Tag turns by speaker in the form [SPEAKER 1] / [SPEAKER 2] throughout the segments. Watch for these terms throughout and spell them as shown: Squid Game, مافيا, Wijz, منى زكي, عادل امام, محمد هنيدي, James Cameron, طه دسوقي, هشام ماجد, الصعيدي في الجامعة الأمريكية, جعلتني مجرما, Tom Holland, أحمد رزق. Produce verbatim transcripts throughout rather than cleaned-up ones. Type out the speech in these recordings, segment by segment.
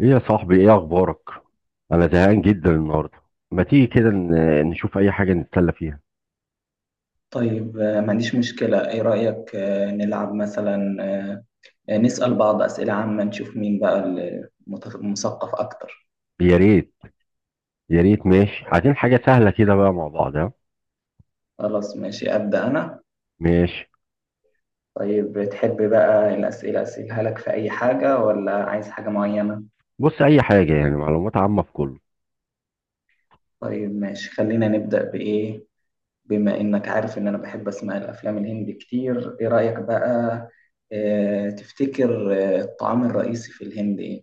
[SPEAKER 1] ايه يا صاحبي، ايه اخبارك؟ انا زهقان جدا النهارده. ما تيجي كده ن- نشوف اي حاجه نتسلى فيها؟
[SPEAKER 2] طيب آه، ما عنديش مشكلة، إيه رأيك آه، نلعب مثلا، آه، آه، نسأل بعض أسئلة عامة نشوف مين بقى المت- المثقف أكتر.
[SPEAKER 1] يا ريت. يا ريت ماشي، عايزين حاجه سهله كده بقى، مع بعض، ها؟
[SPEAKER 2] خلاص ماشي أبدأ أنا.
[SPEAKER 1] ماشي.
[SPEAKER 2] طيب تحب بقى الأسئلة أسئلها لك في أي حاجة ولا عايز حاجة معينة؟
[SPEAKER 1] بص، اي حاجه، يعني معلومات عامه في كله.
[SPEAKER 2] طيب ماشي خلينا نبدأ بإيه. بما إنك عارف إن أنا بحب أسمع الأفلام الهندي كتير، إيه رأيك بقى آه، تفتكر آه، الطعام الرئيسي في الهند إيه؟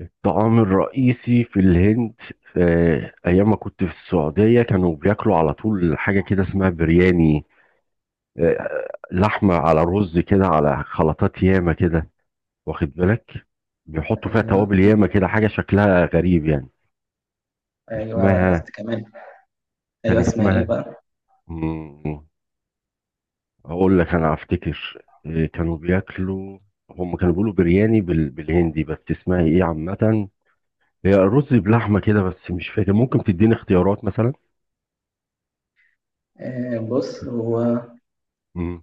[SPEAKER 1] الطعام الرئيسي في الهند؟ آه، ايام ما كنت في السعوديه كانوا بياكلوا على طول حاجه كده اسمها برياني. آه، لحمه على رز كده، على خلطات ياما كده. واخد بالك؟ بيحطوا فيها
[SPEAKER 2] أيوه.
[SPEAKER 1] توابل ياما كده، حاجه شكلها غريب يعني.
[SPEAKER 2] أيوه
[SPEAKER 1] اسمها
[SPEAKER 2] كمان. أيوه
[SPEAKER 1] كان
[SPEAKER 2] اسمها إيه
[SPEAKER 1] اسمها،
[SPEAKER 2] بقى؟
[SPEAKER 1] مم، اقول لك انا افتكر. إيه، كانوا بياكلوا. هم كانوا بيقولوا برياني بال... بالهندي، بس اسمها ايه عامة؟ هي رز بلحمة كده، بس مش فاكر. ممكن تديني اختيارات مثلا؟
[SPEAKER 2] آه، بص هو
[SPEAKER 1] مم.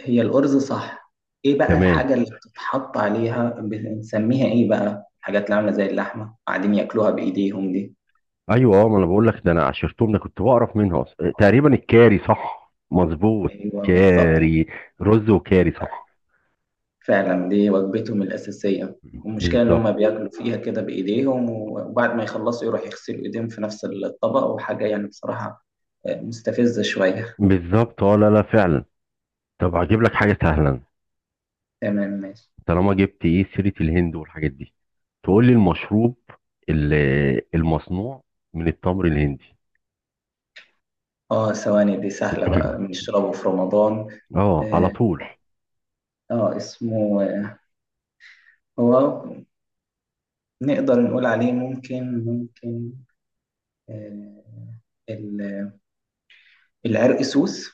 [SPEAKER 2] هي الأرز صح. ايه بقى
[SPEAKER 1] تمام.
[SPEAKER 2] الحاجة اللي بتتحط عليها بنسميها ايه بقى، الحاجات اللي عاملة زي اللحمة قاعدين ياكلوها بإيديهم دي؟
[SPEAKER 1] ايوه، اه، ما انا بقول لك ده، انا عشرتهم ده كنت بعرف منها اصلا. إيه، تقريبا الكاري صح. مظبوط.
[SPEAKER 2] ايوه بالظبط.
[SPEAKER 1] كاري. رز وكاري صح.
[SPEAKER 2] فعلا دي وجبتهم الأساسية، المشكلة إن هم
[SPEAKER 1] بالظبط،
[SPEAKER 2] بياكلوا فيها كده بإيديهم وبعد ما يخلصوا يروح يغسلوا إيديهم في نفس الطبق وحاجة يعني بصراحة آه، مستفزة شوية.
[SPEAKER 1] بالظبط، اه، لا لا فعلا. طب هجيب لك حاجة سهلة.
[SPEAKER 2] تمام ماشي.
[SPEAKER 1] طالما جبت ايه سيره الهند والحاجات دي، تقول لي المشروب ال- المصنوع من التمر الهندي.
[SPEAKER 2] اه ثواني دي سهلة بقى، بنشربه في رمضان.
[SPEAKER 1] اه، على
[SPEAKER 2] اه
[SPEAKER 1] طول.
[SPEAKER 2] آه، اسمه آه، هو نقدر نقول عليه، ممكن ممكن آه، ال- العرق سوس.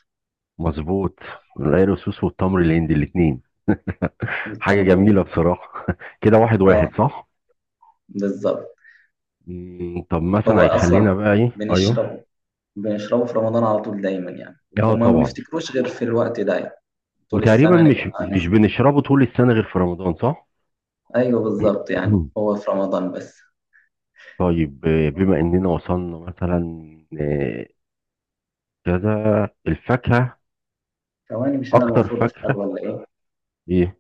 [SPEAKER 1] مظبوط. العرقسوس والتمر الهندي الاثنين. حاجه جميله
[SPEAKER 2] والتمرين.
[SPEAKER 1] بصراحه. كده، واحد
[SPEAKER 2] اه
[SPEAKER 1] واحد صح.
[SPEAKER 2] بالظبط.
[SPEAKER 1] مم، طب مثلا
[SPEAKER 2] هو اصلا
[SPEAKER 1] هيخلينا بقى ايه؟ ايوه.
[SPEAKER 2] بنشربه بنشربه في رمضان على طول دايما يعني،
[SPEAKER 1] اه
[SPEAKER 2] وما
[SPEAKER 1] طبعا.
[SPEAKER 2] بنفتكروش غير في الوقت ده يعني. طول
[SPEAKER 1] وتقريبا
[SPEAKER 2] السنة
[SPEAKER 1] مش
[SPEAKER 2] نبقى
[SPEAKER 1] مش
[SPEAKER 2] نس-
[SPEAKER 1] بنشربه طول السنه غير في رمضان، صح؟
[SPEAKER 2] ايوه بالظبط يعني هو في رمضان بس.
[SPEAKER 1] طيب، آه، بما اننا وصلنا مثلا آه، كذا الفاكهه،
[SPEAKER 2] ثواني مش انا
[SPEAKER 1] اكتر
[SPEAKER 2] المفروض اسال
[SPEAKER 1] فاكهه
[SPEAKER 2] ولا ايه؟
[SPEAKER 1] ايه؟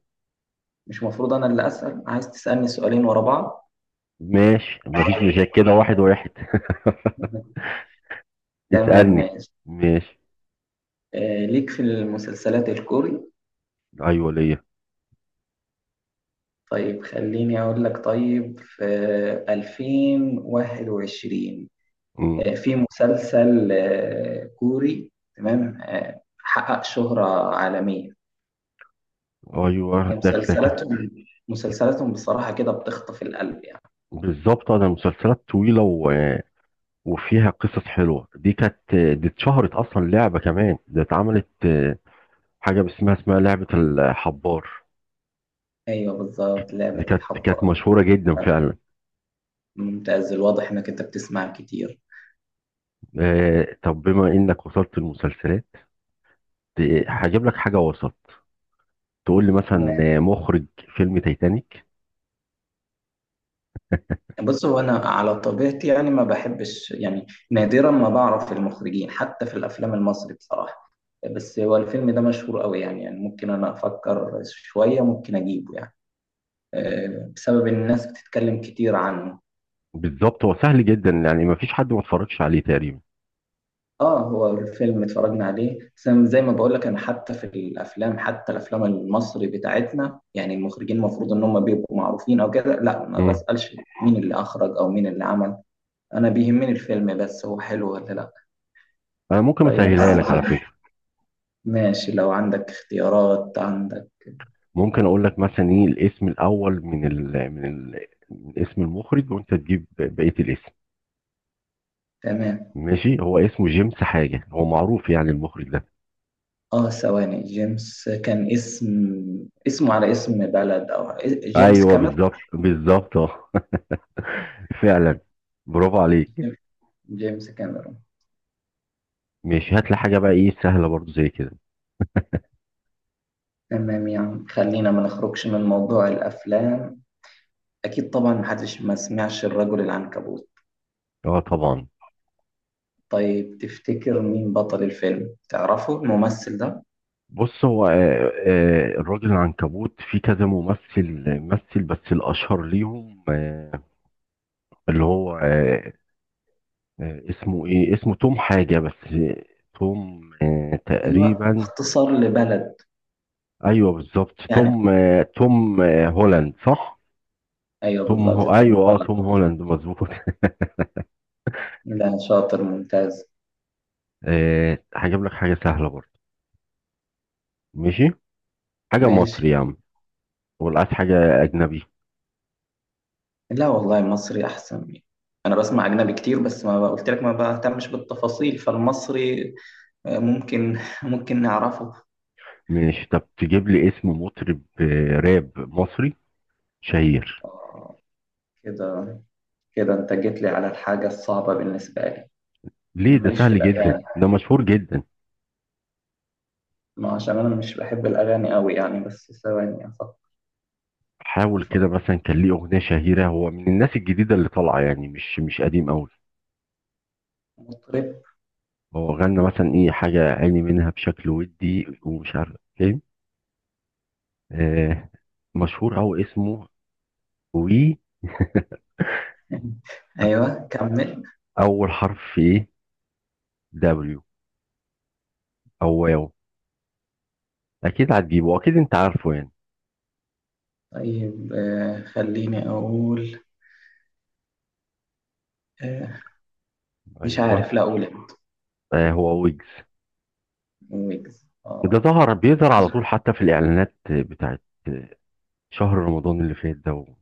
[SPEAKER 2] مش المفروض انا اللي اسال؟ عايز تسالني سؤالين ورا بعض؟
[SPEAKER 1] ماشي، مفيش مشاكل. كده واحد واحد.
[SPEAKER 2] تمام
[SPEAKER 1] اسألني.
[SPEAKER 2] ماشي.
[SPEAKER 1] ماشي.
[SPEAKER 2] آه ليك في المسلسلات الكوري؟
[SPEAKER 1] ايوه، ليا.
[SPEAKER 2] طيب خليني أقول لك. طيب في ألفين واحد وعشرين
[SPEAKER 1] مم.
[SPEAKER 2] آه، في مسلسل آه، كوري، تمام آه، حقق شهرة عالمية.
[SPEAKER 1] ايوه،
[SPEAKER 2] هي
[SPEAKER 1] دكدكة.
[SPEAKER 2] مسلسلاتهم مسلسلاتهم بصراحة كده بتخطف القلب يعني.
[SPEAKER 1] بالظبط، انا مسلسلات طويلة و... وفيها قصص حلوة. دي كانت دي اتشهرت اصلا. لعبة كمان ده اتعملت، آه، حاجة اسمها اسمها لعبة الحبار.
[SPEAKER 2] أيوه بالظبط
[SPEAKER 1] دي
[SPEAKER 2] لعبة
[SPEAKER 1] كانت كانت
[SPEAKER 2] الحبار.
[SPEAKER 1] مشهورة جدا فعلا.
[SPEAKER 2] ممتاز، الواضح إنك أنت بتسمع كتير.
[SPEAKER 1] آه، طب بما انك وصلت المسلسلات، هجيب لك حاجة وسط. تقول لي مثلا آه، مخرج فيلم تايتانيك.
[SPEAKER 2] بص هو انا على طبيعتي يعني ما بحبش، يعني نادرا ما بعرف المخرجين حتى في الافلام المصري بصراحه. بس هو الفيلم ده مشهور قوي يعني، يعني ممكن انا افكر شويه ممكن اجيبه يعني آه، بسبب ان الناس بتتكلم كتير عنه.
[SPEAKER 1] بالظبط، هو سهل جدا، يعني ما فيش حد ما اتفرجش عليه تقريبا.
[SPEAKER 2] اه هو الفيلم اتفرجنا عليه، بس أنا زي ما بقول لك انا حتى في الافلام، حتى الافلام المصري بتاعتنا يعني المخرجين المفروض ان هم بيبقوا معروفين او كده، لا ما
[SPEAKER 1] امم
[SPEAKER 2] بسالش مين اللي اخرج او مين اللي عمل. انا بيهمني الفيلم بس، هو حلو ولا لا.
[SPEAKER 1] انا ممكن
[SPEAKER 2] طيب بس
[SPEAKER 1] اسهلها لك على فكره.
[SPEAKER 2] ماشي لو عندك اختيارات عندك.
[SPEAKER 1] ممكن اقول لك مثلا ايه الاسم الاول من ال من ال من اسم المخرج، وانت تجيب بقيه الاسم.
[SPEAKER 2] تمام.
[SPEAKER 1] ماشي، هو اسمه جيمس حاجه. هو معروف يعني المخرج ده.
[SPEAKER 2] اه ثواني، جيمس كان اسم، اسمه على اسم بلد او جيمس
[SPEAKER 1] ايوه،
[SPEAKER 2] كاميرون.
[SPEAKER 1] بالظبط، بالظبط، اه. فعلا. برافو عليك.
[SPEAKER 2] جيمس كاميرون.
[SPEAKER 1] ماشي، هات لي حاجه بقى ايه سهله برضو زي كده.
[SPEAKER 2] تمام يعني خلينا ما نخرجش من موضوع الافلام. اكيد طبعا محدش ما سمعش الرجل العنكبوت.
[SPEAKER 1] اه، طبعا.
[SPEAKER 2] طيب تفتكر مين بطل الفيلم، تعرفه الممثل ده؟
[SPEAKER 1] بص هو آه آه الراجل العنكبوت في كذا ممثل. مثل، بس الاشهر ليهم آه اللي هو، آه، آه، اسمه ايه، اسمه توم حاجة، بس آه، توم آه،
[SPEAKER 2] ايوه
[SPEAKER 1] تقريبا.
[SPEAKER 2] اختصار لبلد.
[SPEAKER 1] ايوه بالظبط،
[SPEAKER 2] يعني
[SPEAKER 1] توم، آه، توم آه، هولاند صح؟
[SPEAKER 2] ايوه
[SPEAKER 1] توم
[SPEAKER 2] بالظبط
[SPEAKER 1] هو
[SPEAKER 2] تقول.
[SPEAKER 1] ايوه، اه، توم هولاند مظبوط.
[SPEAKER 2] لا شاطر، ممتاز.
[SPEAKER 1] آه، هجيب لك حاجة سهلة برضه. ماشي. حاجة مصري
[SPEAKER 2] ماشي.
[SPEAKER 1] يا عم، ولا عايز حاجة أجنبي؟
[SPEAKER 2] لا والله المصري احسن. انا بسمع اجنبي كتير بس ما ب- قلت لك ما بهتمش بالتفاصيل، فالمصري آه، ممكن، ممكن نعرفه.
[SPEAKER 1] ماشي، طب تجيب لي اسم مطرب آه، راب مصري شهير؟
[SPEAKER 2] آه، كده كده انت جيت لي على الحاجة الصعبة بالنسبة لي. انا
[SPEAKER 1] ليه؟ ده
[SPEAKER 2] ماليش في
[SPEAKER 1] سهل جدا،
[SPEAKER 2] الاغاني،
[SPEAKER 1] ده مشهور جدا.
[SPEAKER 2] ما عشان انا مش بحب الاغاني قوي يعني، بس ثواني افكر.
[SPEAKER 1] حاول كده،
[SPEAKER 2] افكر
[SPEAKER 1] مثلا كان ليه أغنية شهيرة. هو من الناس الجديدة اللي طالعة، يعني مش مش قديم أوي.
[SPEAKER 2] مطرب.
[SPEAKER 1] هو غنى مثلا ايه، حاجة عيني منها بشكل ودي ومش عارف ايه. آه مشهور، او اسمه وي.
[SPEAKER 2] ايوه كمل.
[SPEAKER 1] اول حرف في ايه؟ دبليو، او واو. اكيد هتجيبه، اكيد انت عارفه يعني.
[SPEAKER 2] طيب آه، خليني اقول آه، مش
[SPEAKER 1] ايوه.
[SPEAKER 2] عارف لا اقول.
[SPEAKER 1] آه، هو ويجز.
[SPEAKER 2] ويجز،
[SPEAKER 1] ده
[SPEAKER 2] اه.
[SPEAKER 1] ظهر بيظهر على طول حتى في الاعلانات بتاعت شهر رمضان اللي فات ده و-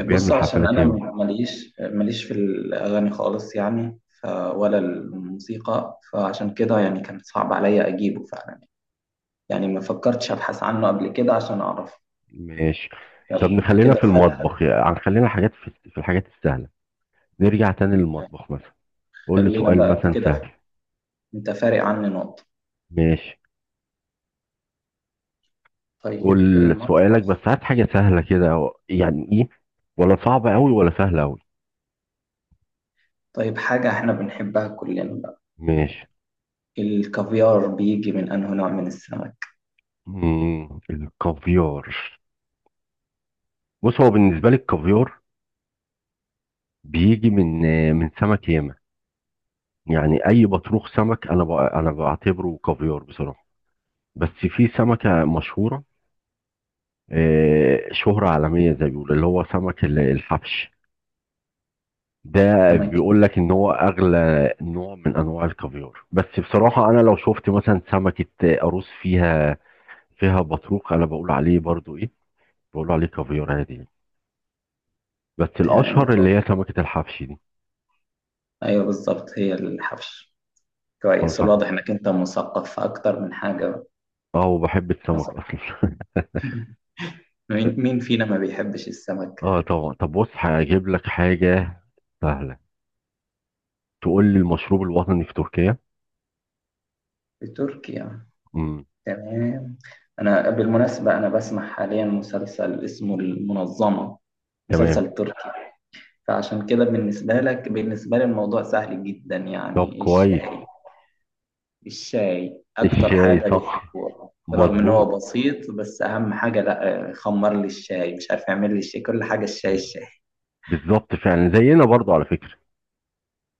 [SPEAKER 2] بص عشان
[SPEAKER 1] حفلات
[SPEAKER 2] انا
[SPEAKER 1] ياما.
[SPEAKER 2] ماليش ماليش في الاغاني خالص يعني، ف ولا الموسيقى، فعشان كده يعني كان صعب عليا اجيبه فعلا يعني، ما فكرتش ابحث عنه قبل كده عشان اعرف.
[SPEAKER 1] ماشي،
[SPEAKER 2] يلا
[SPEAKER 1] طب
[SPEAKER 2] انت
[SPEAKER 1] نخلينا
[SPEAKER 2] كده
[SPEAKER 1] في
[SPEAKER 2] فارق.
[SPEAKER 1] المطبخ يعني، خلينا حاجات في, في الحاجات السهلة. نرجع تاني للمطبخ مثلا، قول لي
[SPEAKER 2] خلينا
[SPEAKER 1] سؤال
[SPEAKER 2] بقى، انت
[SPEAKER 1] مثلا
[SPEAKER 2] كده،
[SPEAKER 1] سهل.
[SPEAKER 2] انت فارق عني نقطة.
[SPEAKER 1] ماشي،
[SPEAKER 2] طيب
[SPEAKER 1] قول سؤالك بس
[SPEAKER 2] المطبخ.
[SPEAKER 1] هات حاجة سهلة كده أو- يعني ايه، ولا صعبة أوي ولا سهلة أوي.
[SPEAKER 2] طيب حاجة احنا بنحبها كلنا بقى،
[SPEAKER 1] ماشي.
[SPEAKER 2] الكافيار بيجي من انه نوع من السمك؟
[SPEAKER 1] مم. الكافيار. بص هو، بالنسبة لي الكافيار بيجي من آه، من سمك ياما. يعني أي بطروخ سمك، أنا ب- أنا بعتبره كافيار بصراحة. بس في سمكة مشهورة، آه، شهرة عالمية زي ما بيقولوا، اللي هو سمك ال- الحبش ده.
[SPEAKER 2] سمكة.
[SPEAKER 1] بيقول لك ان هو اغلى نوع من انواع الكافيار، بس بصراحة انا لو شفت مثلا سمكة آه، قاروص فيها فيها بطروق، انا بقول عليه برضو ايه. بقول عليه كافيار عادي يعني. بس
[SPEAKER 2] تمام.
[SPEAKER 1] الاشهر اللي هي سمكة الحبش دي.
[SPEAKER 2] ايوه بالظبط هي الحبش. كويس،
[SPEAKER 1] خلاص انا،
[SPEAKER 2] الواضح انك انت مثقف في اكتر من حاجة.
[SPEAKER 1] اه، وبحب السمك اصلا.
[SPEAKER 2] مين مين فينا ما بيحبش السمك؟
[SPEAKER 1] اه طبعا. طب بص هجيب لك حاجة سهلة. تقول لي المشروب الوطني في تركيا.
[SPEAKER 2] بتركيا.
[SPEAKER 1] امم.
[SPEAKER 2] تمام. انا بالمناسبة انا بسمع حاليا مسلسل اسمه المنظمة،
[SPEAKER 1] تمام.
[SPEAKER 2] مسلسل تركي. فعشان كده بالنسبة لك، بالنسبة لي الموضوع سهل جدا
[SPEAKER 1] طب
[SPEAKER 2] يعني،
[SPEAKER 1] كويس.
[SPEAKER 2] الشاي. الشاي اكتر
[SPEAKER 1] الشاي،
[SPEAKER 2] حاجة
[SPEAKER 1] صح.
[SPEAKER 2] بيحبوها رغم ان هو
[SPEAKER 1] مظبوط.
[SPEAKER 2] بسيط، بس اهم حاجة لا خمر لي الشاي، مش عارف يعمل لي الشاي، كل حاجة الشاي الشاي.
[SPEAKER 1] بالظبط، فعلا زينا برضو على فكرة.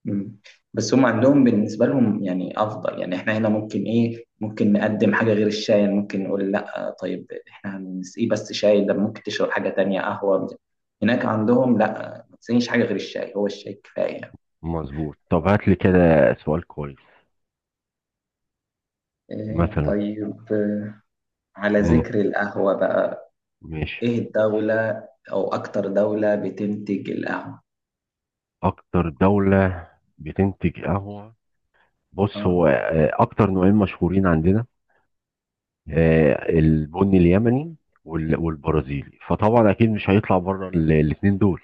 [SPEAKER 2] مم. بس هم عندهم بالنسبة لهم يعني أفضل، يعني إحنا هنا ممكن إيه ممكن نقدم حاجة غير الشاي يعني، ممكن نقول لأ طيب إحنا هنسقيه بس شاي، ده ممكن تشرب حاجة تانية قهوة. هناك عندهم لأ، ما تسقيش حاجة غير الشاي، هو الشاي كفاية يعني.
[SPEAKER 1] مظبوط. طب هات لي كده سؤال كويس،
[SPEAKER 2] إيه
[SPEAKER 1] مثلا.
[SPEAKER 2] طيب آه، على
[SPEAKER 1] امم.
[SPEAKER 2] ذكر القهوة بقى،
[SPEAKER 1] ماشي.
[SPEAKER 2] إيه الدولة أو أكتر دولة بتنتج القهوة؟
[SPEAKER 1] اكتر دولة بتنتج قهوة. بص
[SPEAKER 2] آه.
[SPEAKER 1] هو، آه، اكتر نوعين مشهورين عندنا، آه، البني اليمني وال- والبرازيلي. فطبعا اكيد مش هيطلع بره الاثنين دول.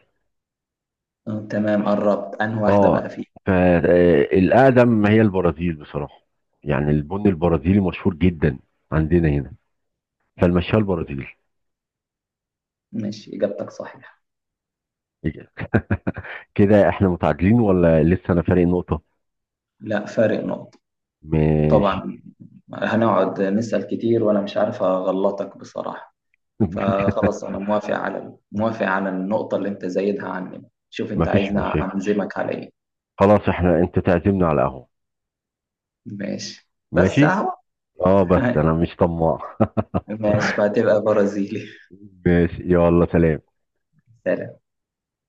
[SPEAKER 2] آه تمام، قربت، أنهي واحدة
[SPEAKER 1] اه،
[SPEAKER 2] بقى فيه؟
[SPEAKER 1] فالاقدم هي البرازيل بصراحه. يعني البني البرازيلي مشهور جدا عندنا هنا، فالمشاه البرازيلي.
[SPEAKER 2] ماشي إجابتك صحيحة.
[SPEAKER 1] كده احنا متعادلين، ولا لسه انا فارق نقطه؟
[SPEAKER 2] لا فارق نقطة
[SPEAKER 1] ماشي.
[SPEAKER 2] طبعا. هنقعد نسأل كتير وأنا مش عارف أغلطك بصراحة. فخلاص أنا موافق على موافق على النقطة اللي أنت زايدها عني. شوف أنت
[SPEAKER 1] مفيش
[SPEAKER 2] عايزني
[SPEAKER 1] مشاكل.
[SPEAKER 2] أعزمك على إيه؟
[SPEAKER 1] خلاص، احنا انت تعزمنا على قهوه.
[SPEAKER 2] ماشي بس
[SPEAKER 1] ماشي.
[SPEAKER 2] أهو.
[SPEAKER 1] اه، بس انا مش طماع.
[SPEAKER 2] ماشي فهتبقى برازيلي.
[SPEAKER 1] ماشي، يلا سلام.
[SPEAKER 2] سلام.